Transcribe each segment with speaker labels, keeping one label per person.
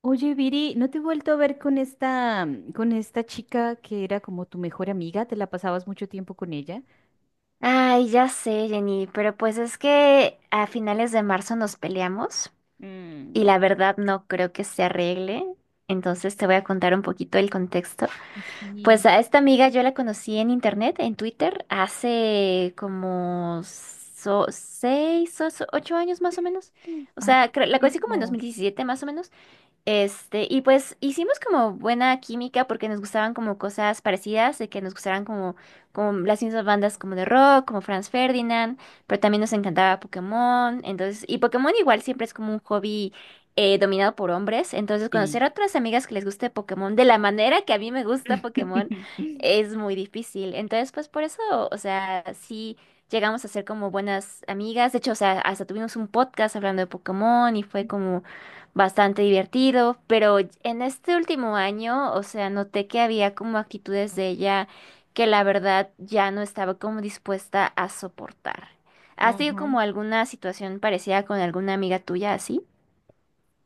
Speaker 1: Oye, Viri, ¿no te he vuelto a ver con con esta chica que era como tu mejor amiga? ¿Te la pasabas mucho tiempo con ella?
Speaker 2: Ay, ya sé, Jenny, pero pues es que a finales de marzo nos peleamos y
Speaker 1: Mm,
Speaker 2: la verdad no creo que se arregle. Entonces te voy a contar un poquito el contexto. Pues
Speaker 1: sí.
Speaker 2: a esta amiga yo la conocí en internet, en Twitter, hace como 6 o 8 años más o menos.
Speaker 1: Mm.
Speaker 2: O
Speaker 1: Harto
Speaker 2: sea, la conocí como en dos
Speaker 1: tiempo.
Speaker 2: mil diecisiete más o menos. Y pues hicimos como buena química porque nos gustaban como cosas parecidas, de que nos gustaran como, como las mismas bandas como de rock, como Franz Ferdinand, pero también nos encantaba Pokémon, entonces, y Pokémon igual siempre es como un hobby dominado por hombres, entonces
Speaker 1: Sí.
Speaker 2: conocer a otras amigas que les guste Pokémon de la manera que a mí me gusta Pokémon es muy difícil, entonces pues por eso, o sea, sí llegamos a ser como buenas amigas, de hecho, o sea, hasta tuvimos un podcast hablando de Pokémon y fue como bastante divertido, pero en este último año, o sea, noté que había como actitudes de ella que la verdad ya no estaba como dispuesta a soportar. ¿Has tenido
Speaker 1: Ajá.
Speaker 2: como alguna situación parecida con alguna amiga tuya así?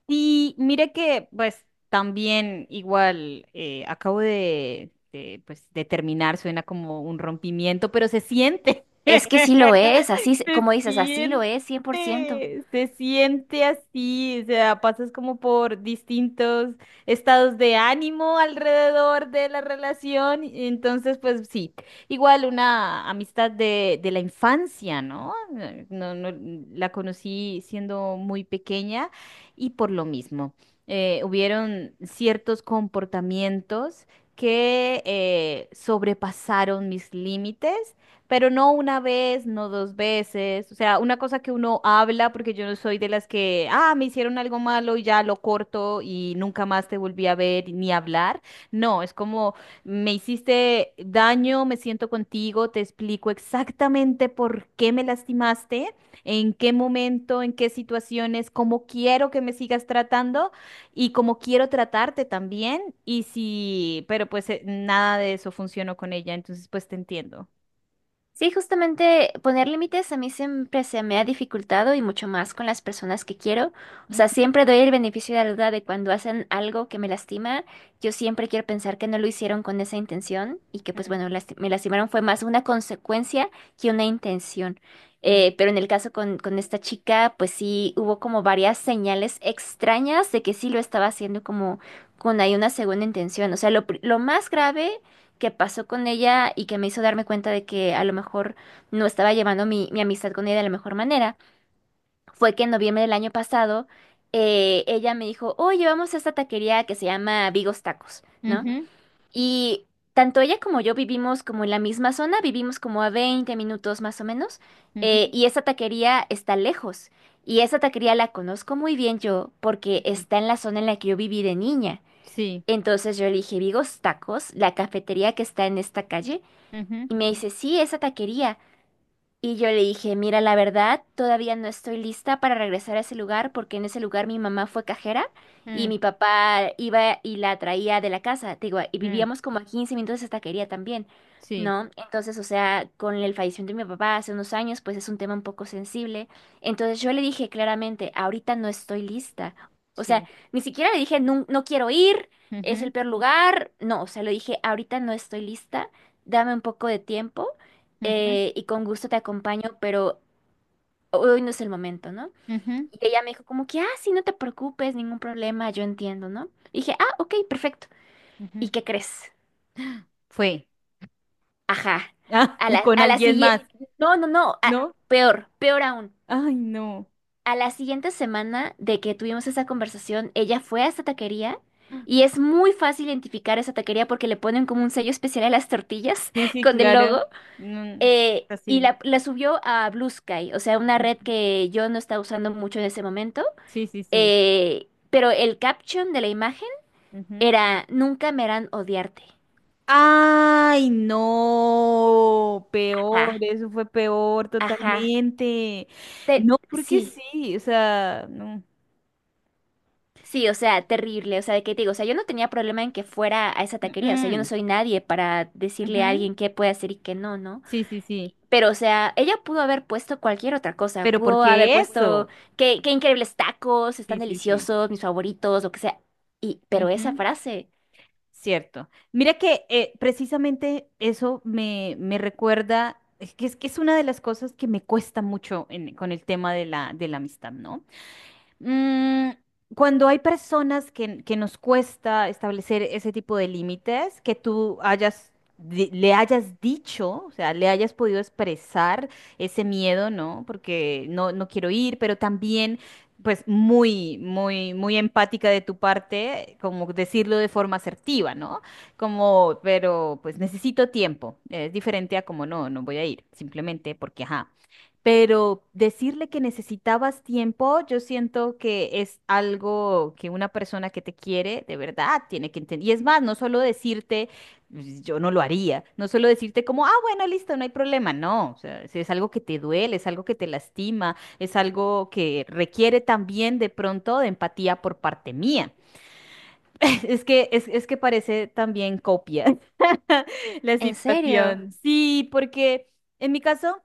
Speaker 1: Y mire que, pues, también igual acabo pues, de terminar, suena como un rompimiento, pero se siente,
Speaker 2: Es que sí lo es, así, como dices, así lo es, 100%.
Speaker 1: se siente así, o sea, pasas como por distintos estados de ánimo alrededor de la relación, y entonces, pues, sí, igual una amistad de la infancia, ¿no? No, no, la conocí siendo muy pequeña y por lo mismo, hubieron ciertos comportamientos que sobrepasaron mis límites, pero no una vez, no dos veces, o sea, una cosa que uno habla, porque yo no soy de las que, ah, me hicieron algo malo y ya lo corto y nunca más te volví a ver ni hablar. No, es como, me hiciste daño, me siento contigo, te explico exactamente por qué me lastimaste, en qué momento, en qué situaciones, cómo quiero que me sigas tratando y cómo quiero tratarte también. Y si, pero pues nada de eso funcionó con ella, entonces pues te entiendo.
Speaker 2: Sí, justamente poner límites a mí siempre se me ha dificultado y mucho más con las personas que quiero. O sea,
Speaker 1: Ujú,
Speaker 2: siempre doy el beneficio de la duda de cuando hacen algo que me lastima. Yo siempre quiero pensar que no lo hicieron con esa intención y que pues
Speaker 1: mm,
Speaker 2: bueno, me lastimaron fue más una consecuencia que una intención.
Speaker 1: mm,
Speaker 2: Pero en el caso con esta chica, pues sí hubo como varias señales extrañas de que sí lo estaba haciendo como con ahí una segunda intención. O sea, lo más grave que pasó con ella y que me hizo darme cuenta de que a lo mejor no estaba llevando mi amistad con ella de la mejor manera, fue que en noviembre del año pasado ella me dijo, oye, vamos a esta taquería que se llama Vigos Tacos, ¿no?
Speaker 1: ujú,
Speaker 2: Y tanto ella como yo vivimos como en la misma zona, vivimos como a 20 minutos más o menos,
Speaker 1: ujú,
Speaker 2: y esa taquería está lejos. Y esa taquería la conozco muy bien yo porque
Speaker 1: ujú.
Speaker 2: está en la zona en la que yo viví de niña.
Speaker 1: Sí.
Speaker 2: Entonces yo le dije, Vigos Tacos, la cafetería que está en esta calle,
Speaker 1: Ujú,
Speaker 2: y me dice, sí, esa taquería. Y yo le dije, mira, la verdad, todavía no estoy lista para regresar a ese lugar porque en ese lugar mi mamá fue cajera y
Speaker 1: mm,
Speaker 2: mi papá iba y la traía de la casa. Te digo, y
Speaker 1: mm.
Speaker 2: vivíamos como a 15 minutos de esa taquería también,
Speaker 1: Sí,
Speaker 2: ¿no? Entonces, o sea, con el fallecimiento de mi papá hace unos años, pues es un tema un poco sensible. Entonces yo le dije claramente, ahorita no estoy lista. O sea,
Speaker 1: sí.
Speaker 2: ni siquiera le dije, no, no quiero ir, es
Speaker 1: Ujú,
Speaker 2: el peor lugar. No, o sea, le dije, ahorita no estoy lista, dame un poco de tiempo
Speaker 1: ujú,
Speaker 2: y con gusto te acompaño, pero hoy no es el momento, ¿no?
Speaker 1: ujú,
Speaker 2: Y ella me dijo como que, ah, sí, no te preocupes, ningún problema, yo entiendo, ¿no? Y dije, ah, ok, perfecto. ¿Y
Speaker 1: ujú.
Speaker 2: qué crees?
Speaker 1: Fue.
Speaker 2: Ajá.
Speaker 1: Ah,
Speaker 2: A
Speaker 1: y
Speaker 2: la,
Speaker 1: con
Speaker 2: a la
Speaker 1: alguien
Speaker 2: siguiente,
Speaker 1: más,
Speaker 2: no, no, no, ah,
Speaker 1: ¿no?
Speaker 2: peor, peor aún.
Speaker 1: Ay, no.
Speaker 2: A la siguiente semana de que tuvimos esa conversación, ella fue a esta taquería. Y es muy fácil identificar esa taquería porque le ponen como un sello especial a las tortillas
Speaker 1: Sí, sí,
Speaker 2: con el
Speaker 1: claro.
Speaker 2: logo.
Speaker 1: No,
Speaker 2: Y
Speaker 1: así.
Speaker 2: la subió a Blue Sky, o sea, una
Speaker 1: Ujú.
Speaker 2: red que yo no estaba usando mucho en ese momento.
Speaker 1: Sí, sí, sí.
Speaker 2: Pero el caption de la imagen
Speaker 1: Ujú.
Speaker 2: era, nunca me harán odiarte.
Speaker 1: Ay, no, peor,
Speaker 2: Ajá,
Speaker 1: eso fue peor
Speaker 2: ajá.
Speaker 1: totalmente. No, porque
Speaker 2: Sí,
Speaker 1: sí, o sea, no.
Speaker 2: sí, o sea, terrible. O sea, de qué te digo, o sea, yo no tenía problema en que fuera a esa taquería. O sea, yo no
Speaker 1: Mm,
Speaker 2: soy nadie para decirle a
Speaker 1: ujú.
Speaker 2: alguien qué puede hacer y qué no, ¿no?
Speaker 1: Sí, sí, sí.
Speaker 2: Pero, o sea, ella pudo haber puesto cualquier otra cosa.
Speaker 1: Pero
Speaker 2: Pudo haber
Speaker 1: ¿porque
Speaker 2: puesto
Speaker 1: eso?
Speaker 2: qué, qué increíbles tacos,
Speaker 1: Sí,
Speaker 2: están
Speaker 1: sí, sí.
Speaker 2: deliciosos, mis favoritos, lo que sea. Y, pero esa
Speaker 1: Ujú.
Speaker 2: frase,
Speaker 1: Cierto. Mira que precisamente eso me recuerda, es que es una de las cosas que me cuesta mucho con el tema de de la amistad, ¿no? Mm, cuando hay personas que nos cuesta establecer ese tipo de límites, que tú hayas, le hayas dicho, o sea, le hayas podido expresar ese miedo, ¿no? Porque no, no quiero ir, pero también, pues, muy, muy, muy empática de tu parte, como decirlo de forma asertiva, ¿no? Como, pero, pues, necesito tiempo. Es diferente a como, no, no voy a ir, simplemente porque, ajá. Pero decirle que necesitabas tiempo, yo siento que es algo que una persona que te quiere de verdad tiene que entender. Y es más, no solo decirte, "Pues, yo no lo haría", no solo decirte como, ah, bueno, listo, no hay problema, no. O sea, si es algo que te duele, es algo que te lastima, es algo que requiere también de pronto de empatía por parte mía. Es que parece también copia la
Speaker 2: en serio,
Speaker 1: situación. Sí, porque en mi caso...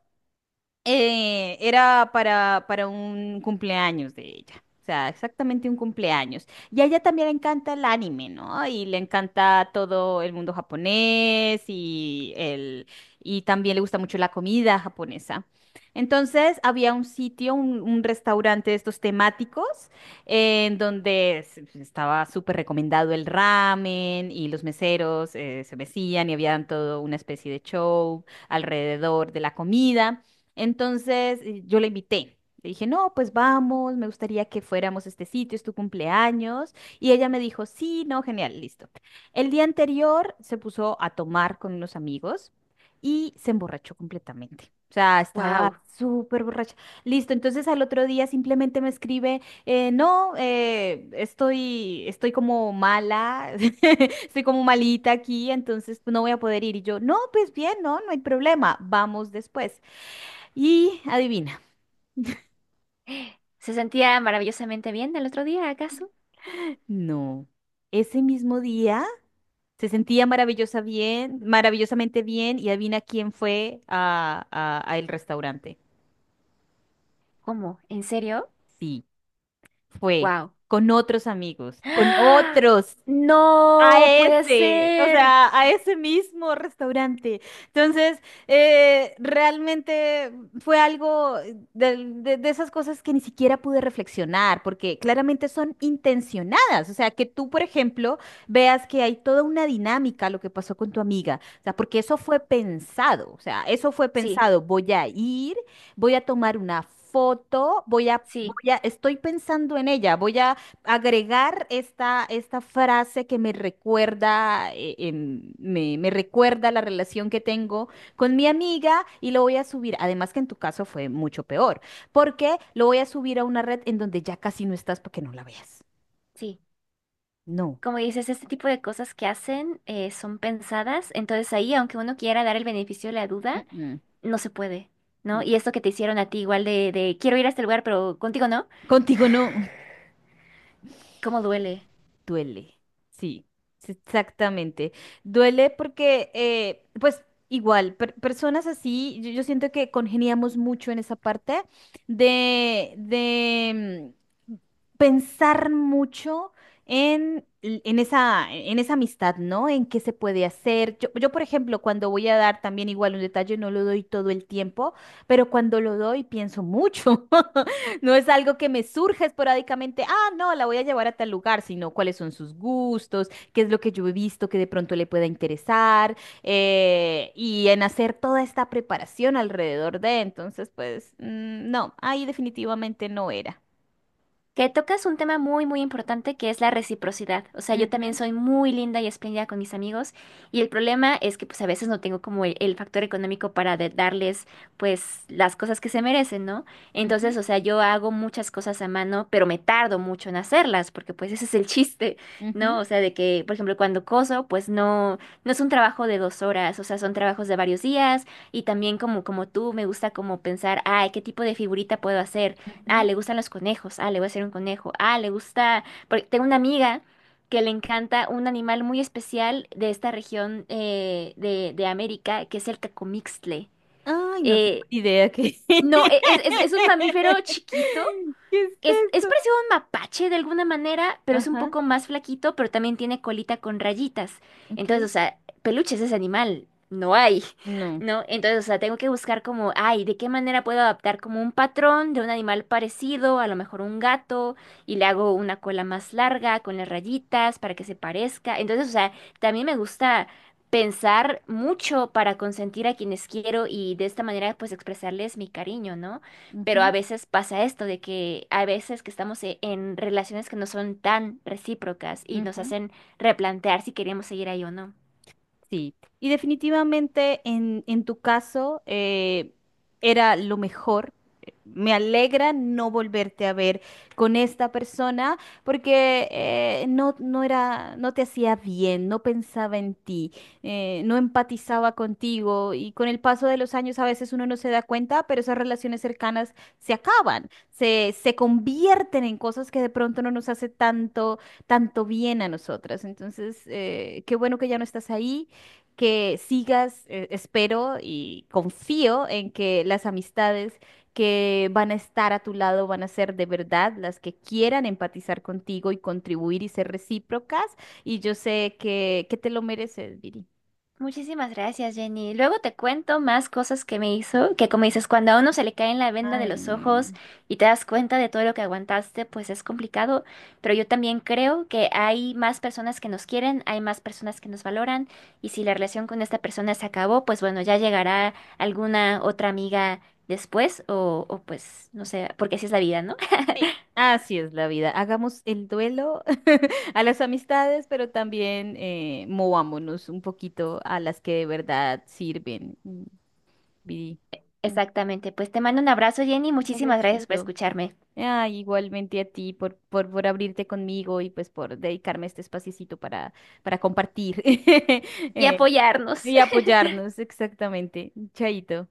Speaker 1: Era para un cumpleaños de ella. O sea, exactamente un cumpleaños. Y a ella también le encanta el anime, ¿no? Y le encanta todo el mundo japonés y el, y también le gusta mucho la comida japonesa. Entonces, había un sitio, un restaurante de estos temáticos, en donde estaba súper recomendado el ramen y los meseros se mecían y habían todo una especie de show alrededor de la comida. Entonces yo la invité. Le dije, no, pues vamos, me gustaría que fuéramos a este sitio, es tu cumpleaños. Y ella me dijo, sí, no, genial, listo. El día anterior se puso a tomar con unos amigos y se emborrachó completamente. O sea, estaba
Speaker 2: wow.
Speaker 1: súper borracha. Listo, entonces al otro día simplemente me escribe, no, estoy, estoy como mala, estoy como malita aquí, entonces no voy a poder ir. Y yo, no, pues bien, no, no hay problema, vamos después. Y adivina,
Speaker 2: ¿Se sentía maravillosamente bien del otro día, acaso?
Speaker 1: no. Ese mismo día se sentía maravillosa bien, maravillosamente bien y adivina quién fue a el restaurante.
Speaker 2: ¿Cómo? ¿En serio?
Speaker 1: Sí, fue
Speaker 2: Wow.
Speaker 1: con otros amigos, con
Speaker 2: ¡Ah!
Speaker 1: otros a
Speaker 2: No puede
Speaker 1: ese, o
Speaker 2: ser.
Speaker 1: sea, a ese mismo restaurante. Entonces, realmente fue algo de esas cosas que ni siquiera pude reflexionar, porque claramente son intencionadas. O sea, que tú, por ejemplo, veas que hay toda una dinámica a lo que pasó con tu amiga. O sea, porque eso fue pensado. O sea, eso fue
Speaker 2: Sí,
Speaker 1: pensado. Voy a ir, voy a tomar una foto,
Speaker 2: sí,
Speaker 1: estoy pensando en ella, voy a agregar esta frase que me recuerda, me recuerda la relación que tengo con mi amiga y lo voy a subir. Además que en tu caso fue mucho peor, porque lo voy a subir a una red en donde ya casi no estás para que no la veas.
Speaker 2: sí.
Speaker 1: No.
Speaker 2: Como dices, este tipo de cosas que hacen son pensadas. Entonces ahí, aunque uno quiera dar el beneficio de la duda,
Speaker 1: Mm, mm,
Speaker 2: no se puede, ¿no?
Speaker 1: no.
Speaker 2: Y esto que te hicieron a ti igual de quiero ir a este lugar, pero contigo no,
Speaker 1: Contigo no.
Speaker 2: ¿cómo duele?
Speaker 1: Duele, sí, sí, exactamente. Duele porque, pues igual, personas así, yo siento que congeniamos mucho en esa parte de mm, pensar mucho en en esa amistad, ¿no? En qué se puede hacer. Yo, por ejemplo, cuando voy a dar también igual un detalle, no lo doy todo el tiempo, pero cuando lo doy pienso mucho. No es algo que me surge esporádicamente, ah, no, la voy a llevar a tal lugar, sino cuáles son sus gustos, qué es lo que yo he visto que de pronto le pueda interesar, y en hacer toda esta preparación alrededor de, entonces, pues, mm, no, ahí definitivamente no era.
Speaker 2: Que tocas un tema muy, muy importante que es la reciprocidad. O sea, yo también
Speaker 1: Ujú,
Speaker 2: soy muy linda y espléndida con mis amigos y el problema es que pues a veces no tengo como el factor económico para darles pues las cosas que se merecen, ¿no?
Speaker 1: ujú,
Speaker 2: Entonces, o sea, yo hago muchas cosas a mano, pero me tardo mucho en hacerlas porque pues ese es el chiste,
Speaker 1: ujú,
Speaker 2: ¿no? O sea, de que, por ejemplo, cuando coso, pues no, no es un trabajo de 2 horas, o sea, son trabajos de varios días y también como, como tú me gusta como pensar, ay, ¿qué tipo de figurita puedo hacer? Ah,
Speaker 1: ujú.
Speaker 2: le gustan los conejos. Ah, le voy a hacer un conejo. Ah, le gusta. Porque tengo una amiga que le encanta un animal muy especial de esta región de América, que es el cacomixtle.
Speaker 1: Ay, no tengo
Speaker 2: Eh,
Speaker 1: ni idea qué.
Speaker 2: no, es, es un mamífero chiquito,
Speaker 1: ¿Qué es
Speaker 2: es
Speaker 1: eso?
Speaker 2: parecido a un mapache de alguna manera, pero es un
Speaker 1: Ajá,
Speaker 2: poco más flaquito, pero también tiene colita con rayitas. Entonces,
Speaker 1: ok.
Speaker 2: o sea, peluches de ese animal. No hay,
Speaker 1: No.
Speaker 2: ¿no? Entonces, o sea, tengo que buscar como, ay, ¿de qué manera puedo adaptar como un patrón de un animal parecido, a lo mejor un gato, y le hago una cola más larga con las rayitas para que se parezca? Entonces, o sea, también me gusta pensar mucho para consentir a quienes quiero y de esta manera pues expresarles mi cariño, ¿no? Pero a
Speaker 1: Ujú,
Speaker 2: veces pasa esto de que a veces que estamos en relaciones que no son tan recíprocas y nos
Speaker 1: ujú.
Speaker 2: hacen replantear si queremos seguir ahí o no.
Speaker 1: Sí, y definitivamente en tu caso era lo mejor. Me alegra no volverte a ver con esta persona porque no, no era, no te hacía bien, no pensaba en ti, no empatizaba contigo y con el paso de los años a veces uno no se da cuenta, pero esas relaciones cercanas se acaban, se convierten en cosas que de pronto no nos hace tanto, tanto bien a nosotras. Entonces, qué bueno que ya no estás ahí, que sigas, espero y confío en que las amistades que van a estar a tu lado van a ser de verdad las que quieran empatizar contigo y contribuir y ser recíprocas. Y yo sé que te lo mereces, Viri.
Speaker 2: Muchísimas gracias, Jenny. Luego te cuento más cosas que me hizo, que como dices, cuando a uno se le cae en la venda de
Speaker 1: Ay,
Speaker 2: los ojos
Speaker 1: no.
Speaker 2: y te das cuenta de todo lo que aguantaste, pues es complicado, pero yo también creo que hay más personas que nos quieren, hay más personas que nos valoran y si la relación con esta persona se acabó, pues bueno, ya llegará alguna otra amiga después o pues no sé, porque así es la vida, ¿no?
Speaker 1: Sí, así es la vida. Hagamos el duelo a las amistades, pero también movámonos un poquito a las que de verdad sirven. Mm, Viri, un
Speaker 2: Exactamente, pues te mando un abrazo, Jenny, muchísimas gracias por
Speaker 1: abracito.
Speaker 2: escucharme
Speaker 1: Ay, igualmente a ti por abrirte conmigo y pues por dedicarme este espaciecito para compartir
Speaker 2: y apoyarnos.
Speaker 1: y apoyarnos, exactamente. Chaito.